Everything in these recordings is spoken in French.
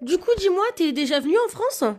Du coup, dis-moi, t'es déjà venu en France? Ah,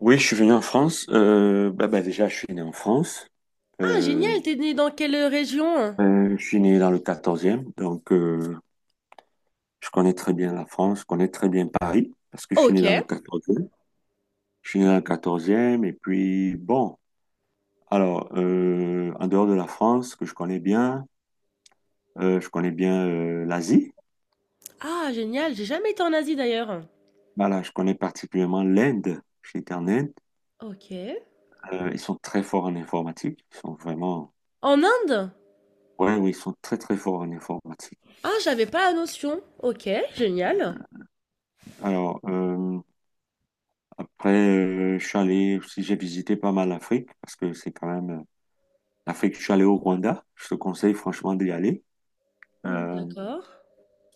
Oui, je suis venu en France. Bah, déjà, je suis né en France. Euh, génial, t'es né dans quelle région? je suis né dans le 14 donc je connais très bien la France, je connais très bien Paris, parce que je suis Ok. né dans le 14. Je suis né dans le 14 et puis bon, alors, en dehors de la France, que je connais bien l'Asie. Ah, génial, j'ai jamais été en Asie d'ailleurs. Voilà, je connais particulièrement l'Inde. J'étais en Inde. Ok. Ils sont très forts en informatique. Ils sont vraiment. En Inde? Ouais, oui, ils sont très, très forts en informatique. Ah, j'avais pas la notion. Ok, génial. Alors, après, je suis allé aussi, j'ai visité pas mal l'Afrique parce que c'est quand même l'Afrique. Je suis allé au Rwanda. Je te conseille franchement d'y aller. Euh, D'accord.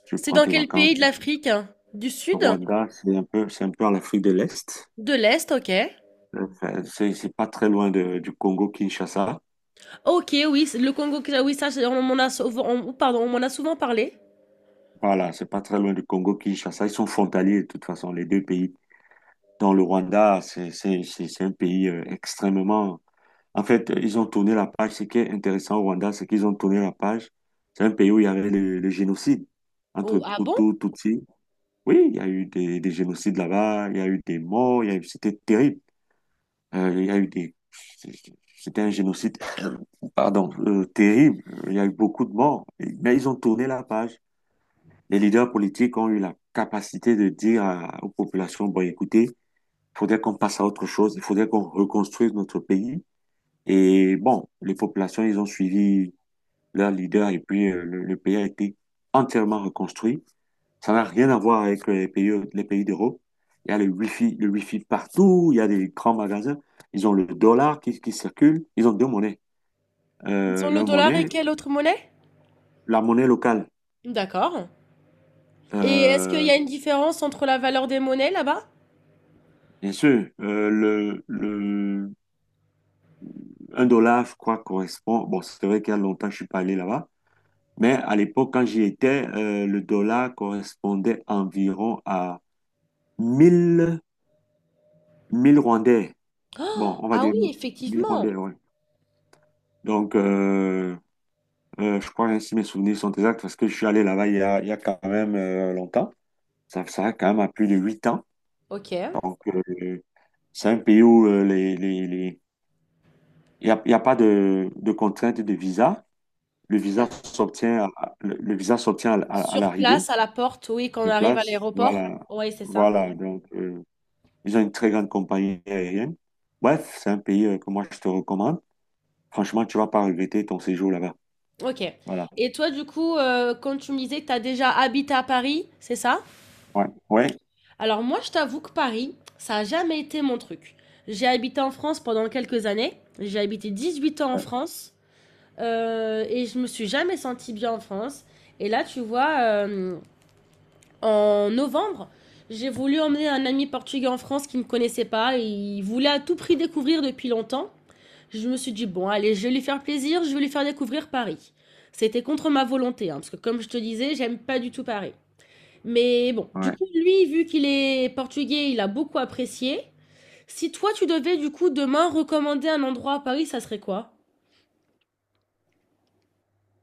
tu C'est prends dans tes quel pays vacances. de l'Afrique? Du Le sud? Rwanda, c'est un peu en Afrique de l'Est. De l'Est, ok. Enfin, c'est pas très loin du Congo-Kinshasa. Ok, oui, c'est le Congo, oui, oh, pardon, on m'en a souvent parlé. Voilà, c'est pas très loin du Congo-Kinshasa. Ils sont frontaliers de toute façon, les deux pays. Dans le Rwanda, c'est un pays extrêmement. En fait, ils ont tourné la page. Ce qui est intéressant au Rwanda, c'est qu'ils ont tourné la page. C'est un pays où il y avait le génocide Oh, entre ah bon? Hutu, Tutsi. Oui, il y a eu des génocides là-bas, il y a eu des morts, il y a eu, c'était terrible. Il y a eu des, c'était un génocide, pardon, terrible. Il y a eu beaucoup de morts. Mais ils ont tourné la page. Les leaders politiques ont eu la capacité de dire aux populations, bon, écoutez, il faudrait qu'on passe à autre chose, il faudrait qu'on reconstruise notre pays. Et bon, les populations, ils ont suivi leur leader, et puis le pays a été entièrement reconstruit. Ça n'a rien à voir avec les pays d'Europe. Il y a le wifi partout, il y a des grands magasins. Ils ont le dollar qui circule. Ils ont deux monnaies. Ils Euh, ont le leur dollar et monnaie, quelle autre monnaie? la monnaie locale. D'accord. Et est-ce qu'il y Euh, a une différence entre la valeur des monnaies là-bas? bien sûr, un dollar, je crois, correspond. Bon, c'est vrai qu'il y a longtemps que je ne suis pas allé là-bas, mais à l'époque, quand j'y étais, le dollar correspondait environ à 1000 1000 Rwandais. Bon, Oh! on va Ah dire oui, 1000 rondelles, effectivement. ouais. Donc, je crois ainsi mes souvenirs sont exacts parce que je suis allé là-bas il y a quand même longtemps. Ça a quand même à plus de 8 ans. Ok. Donc, c'est un pays où il y a pas de contrainte de visa. Le visa D'accord. s'obtient le visa s'obtient à Sur place, l'arrivée à la porte, oui, quand on de arrive à place. l'aéroport. Voilà. Oui, c'est ça. Voilà. Donc, ils ont une très grande compagnie aérienne. Bref, c'est un pays que moi je te recommande. Franchement, tu vas pas regretter ton séjour là-bas. Ok. Voilà. Et toi, du coup, quand tu me disais que tu as déjà habité à Paris, c'est ça? Ouais, ouais, Alors moi, je t'avoue que Paris, ça n'a jamais été mon truc. J'ai habité en France pendant quelques années. J'ai habité 18 ans en ouais. France. Et je me suis jamais sentie bien en France. Et là, tu vois, en novembre, j'ai voulu emmener un ami portugais en France qui ne me connaissait pas et il voulait à tout prix découvrir depuis longtemps. Je me suis dit, bon, allez, je vais lui faire plaisir, je vais lui faire découvrir Paris. C'était contre ma volonté, hein, parce que comme je te disais, j'aime pas du tout Paris. Mais bon, du Ouais. coup, lui, vu qu'il est portugais, il a beaucoup apprécié. Si toi, tu devais, du coup, demain recommander un endroit à Paris, ça serait quoi?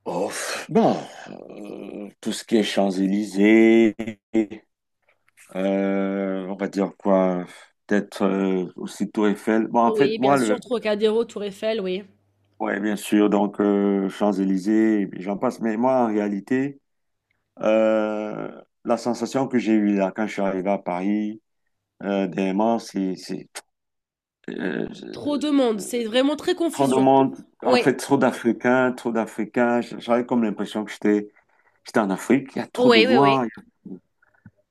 Oh, pff, bon, tout ce qui est Champs-Élysées, on va dire quoi, peut-être aussi Tour Eiffel. Bon, en Oui, fait, bien moi, sûr, Trocadéro, Tour Eiffel, oui. ouais, bien sûr, donc Champs-Élysées, et puis j'en passe. Mais moi, en réalité, la sensation que j'ai eue là quand je suis arrivé à Paris, dernièrement, c'est euh, Trop de monde, c'est vraiment très trop de confusion. monde, en Oui, fait, trop d'Africains, trop d'Africains. J'avais comme l'impression que j'étais en Afrique. Il y a trop de Oui, oui, oui. Noirs.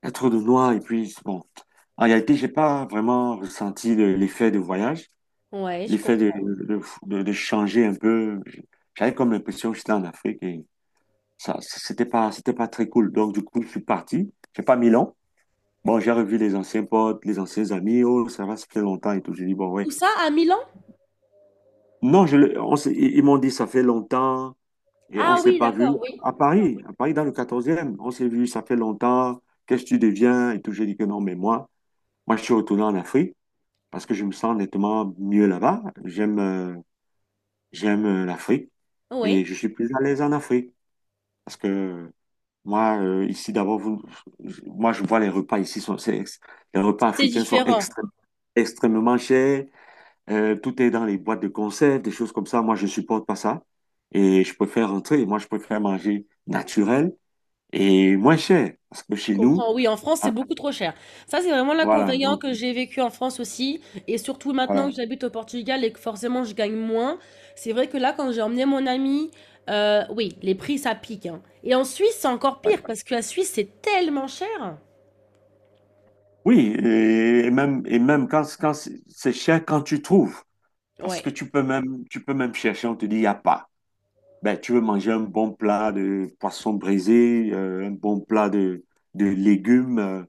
Il y a trop de noir et puis bon. En réalité, j'ai pas vraiment ressenti l'effet de voyage, Ouais, je l'effet de, comprends. de, de, de changer un peu. J'avais comme l'impression que j'étais en Afrique et ça, c'était pas très cool. Donc, du coup, je suis parti. J'ai pas mis long. Bon, j'ai revu les anciens potes, les anciens amis. Oh, ça va, ça fait longtemps et tout. J'ai dit, bon, ouais. Où ça? À Milan? Non, je, le- on s'est- ils m'ont dit, ça fait longtemps et on Ah Oui. s'est Oui, pas vu. d'accord, oui. À Paris, dans le 14e, on s'est vu, ça fait longtemps. Qu'est-ce que tu deviens et tout. J'ai dit que non, mais moi, moi, je suis retourné en Afrique. Parce que je me sens nettement mieux là-bas. J'aime l'Afrique Oui, et je suis plus à l'aise en Afrique parce que moi ici d'abord vous moi je vois les repas ici sont c'est les repas c'est africains sont différent. Extrêmement chers. Tout est dans les boîtes de conserve, des choses comme ça. Moi je supporte pas ça et je préfère rentrer. Moi je préfère manger naturel et moins cher parce que Je chez nous comprends. Oui, en France, c'est ah, beaucoup trop cher. Ça, c'est vraiment voilà l'inconvénient donc que j'ai vécu en France aussi. Et surtout maintenant voilà. que j'habite au Portugal et que forcément je gagne moins. C'est vrai que là, quand j'ai emmené mon ami, oui, les prix, ça pique, hein. Et en Suisse, c'est encore pire parce que la Suisse, c'est tellement cher. Oui, et même, et même quand, quand c'est cher, quand tu trouves, parce que Ouais. Tu peux même chercher, on te dit, il n'y a pas. Ben, tu veux manger un bon plat de poisson brisé, un bon plat de légumes,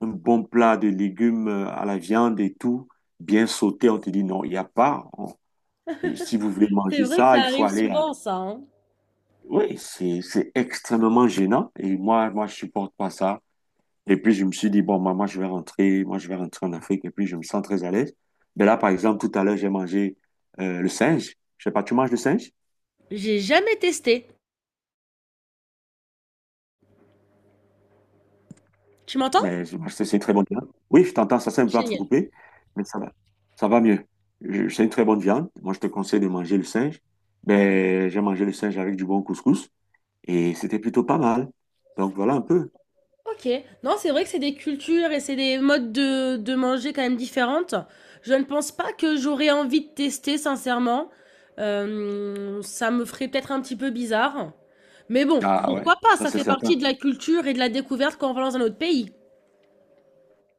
un bon plat de légumes à la viande et tout, bien sauté, on te dit, non, il n'y a pas. Et si vous voulez C'est manger vrai que ça, ça il faut arrive aller à. souvent, ça, hein. Oui, c'est extrêmement gênant et moi, moi, je supporte pas ça. Et puis, je me suis dit, bon, maman je vais rentrer, moi, je vais rentrer en Afrique. Et puis, je me sens très à l'aise. Mais là, par exemple, tout à l'heure, j'ai mangé le singe. Je sais pas, tu manges le singe? J'ai jamais testé. Tu m'entends? Mais c'est une très bonne viande. Oui, je t'entends, ça c'est un peu Génial. entrecoupé, mais ça va. Ça va mieux. C'est une très bonne viande. Moi, je te conseille de manger le singe. Ben, j'ai mangé le singe avec du bon couscous et c'était plutôt pas mal. Donc, voilà un peu. OK. Non, c'est vrai que c'est des cultures et c'est des modes de manger quand même différentes. Je ne pense pas que j'aurais envie de tester sincèrement. Ça me ferait peut-être un petit peu bizarre. Mais bon, Ah ouais, pourquoi pas? ça Ça c'est fait partie de certain. la culture et de la découverte quand on va dans un autre pays.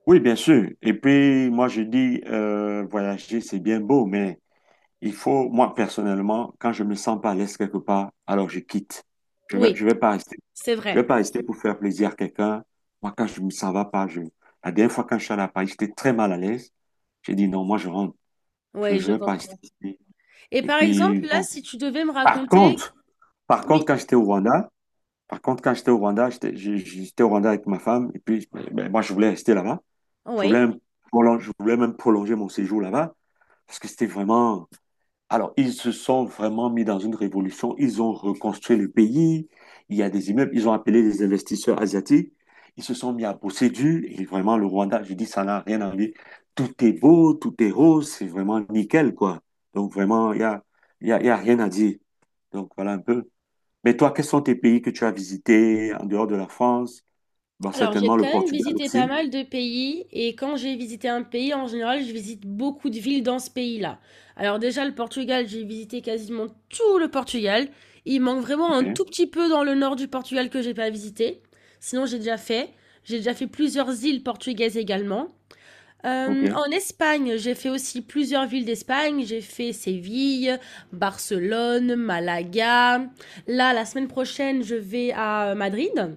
Oui, bien sûr. Et puis, moi, je dis, voyager, c'est bien beau, mais il faut, moi personnellement, quand je me sens pas à l'aise quelque part, alors je quitte. Oui, Je vais pas rester, c'est je vais vrai. pas rester pour faire plaisir à quelqu'un. Moi, quand je me sens va pas, la dernière fois quand je suis allé à Paris, j'étais très mal à l'aise. J'ai dit non, moi je rentre. Je, Ouais, je je vais pas rester comprends. ici. Et Et par exemple, puis, là, bon. si tu devais me Par raconter. contre, Oui, quand j'étais au Rwanda, j'étais au Rwanda avec ma femme. Et puis, ben, moi, je voulais rester là-bas. Je oui? voulais je voulais même prolonger mon séjour là-bas parce que c'était vraiment. Alors, ils se sont vraiment mis dans une révolution. Ils ont reconstruit le pays. Il y a des immeubles. Ils ont appelé des investisseurs asiatiques. Ils se sont mis à bosser dur. Et vraiment, le Rwanda, je dis, ça n'a rien à voir. Tout est beau, tout est rose. C'est vraiment nickel, quoi. Donc, vraiment, il y a rien à dire. Donc, voilà un peu. Mais toi, quels sont tes pays que tu as visités en dehors de la France? Bon, Alors, j'ai certainement quand le même Portugal visité pas aussi. mal de pays et quand j'ai visité un pays, en général, je visite beaucoup de villes dans ce pays-là. Alors déjà, le Portugal, j'ai visité quasiment tout le Portugal. Il manque vraiment un OK, tout petit peu dans le nord du Portugal que j'ai pas visité. Sinon, j'ai déjà fait. J'ai déjà fait plusieurs îles portugaises également. Euh, OK, en Espagne, j'ai fait aussi plusieurs villes d'Espagne. J'ai fait Séville, Barcelone, Malaga. Là, la semaine prochaine, je vais à Madrid.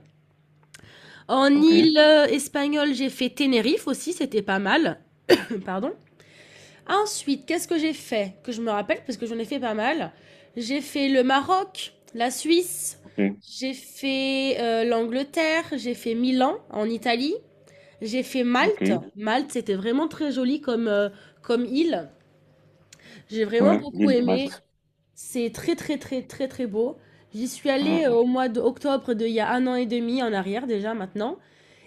En OK, île espagnole, j'ai fait Tenerife aussi, c'était pas mal. Pardon. Ensuite, qu'est-ce que j'ai fait? Que je me rappelle, parce que j'en ai fait pas mal. J'ai fait le Maroc, la Suisse, OK, j'ai fait l'Angleterre, j'ai fait Milan en Italie, j'ai fait Malte. OK. Malte, c'était vraiment très joli comme île. J'ai vraiment Ouais, beaucoup l'île de aimé. Malte. C'est très, très, très, très, très beau. J'y suis allée Mhm, au mois d'octobre d'il y a un an et demi en arrière déjà maintenant.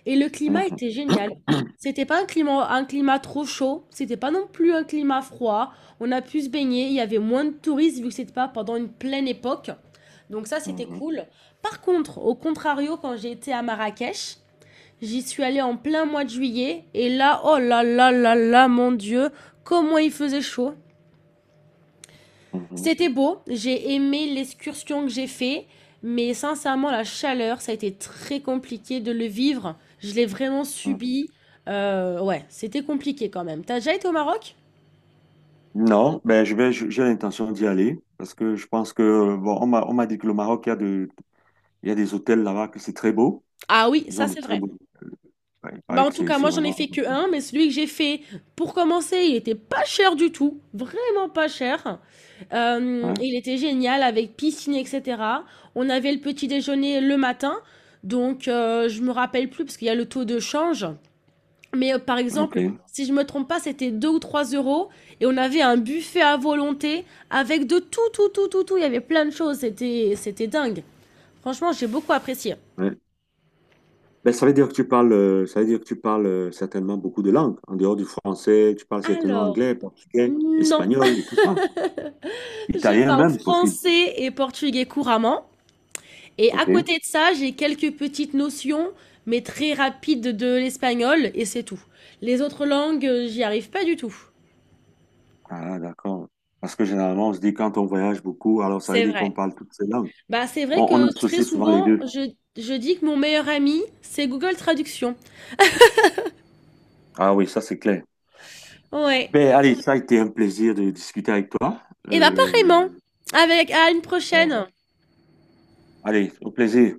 Et le climat mhm. était génial. C'était pas un climat trop chaud, c'était pas non plus un climat froid. On a pu se baigner, il y avait moins de touristes vu que c'était pas pendant une pleine époque. Donc ça, c'était Mhm. cool. Par contre, au contrario, quand j'ai été à Marrakech, j'y suis allée en plein mois de juillet et là, oh là là là là, mon Dieu, comment il faisait chaud. Mhm, C'était beau, j'ai aimé l'excursion que j'ai fait, mais sincèrement, la chaleur, ça a été très compliqué de le vivre. Je l'ai vraiment mhm. subi. Ouais, c'était compliqué quand même. T'as déjà été au Maroc? Non, ben j'ai l'intention d'y aller parce que je pense que bon, on m'a dit que le Maroc, il y a il y a des hôtels là-bas que c'est très beau. Ah oui, Ils ont ça de c'est très vrai. beaux. Ouais, il Bah paraît en que tout c'est, cas, c'est moi j'en ai vraiment. fait que un, mais celui que j'ai fait pour commencer, il était pas cher du tout, vraiment pas cher. Euh, Ouais, il était génial avec piscine, etc. On avait le petit déjeuner le matin, donc je me rappelle plus parce qu'il y a le taux de change. Mais, par ok. exemple, si je me trompe pas, c'était 2 ou 3 euros et on avait un buffet à volonté avec de tout, tout, tout, tout, tout. Il y avait plein de choses, c'était dingue. Franchement, j'ai beaucoup apprécié. Ouais. Ben ça veut dire que ça veut dire que tu parles certainement beaucoup de langues. En dehors du français, tu parles certainement Alors, anglais, portugais, non, espagnol et tout ça. je Italien parle même, possible. français et portugais couramment et à Ok. côté de ça, j'ai quelques petites notions, mais très rapides de l'espagnol et c'est tout. Les autres langues, j'y arrive pas du tout. Ah, d'accord. Parce que généralement, on se dit quand on voyage beaucoup, alors ça veut C'est dire vrai. qu'on parle toutes ces langues. Bah, c'est vrai On que très associe souvent les souvent, deux. Je dis que mon meilleur ami, c'est Google Traduction. Ah oui, ça c'est clair. Ouais. Ben, allez, ça a été un plaisir de discuter avec toi. Et bah, Euh, pareillement. Avec, à une prochaine. allez, au plaisir.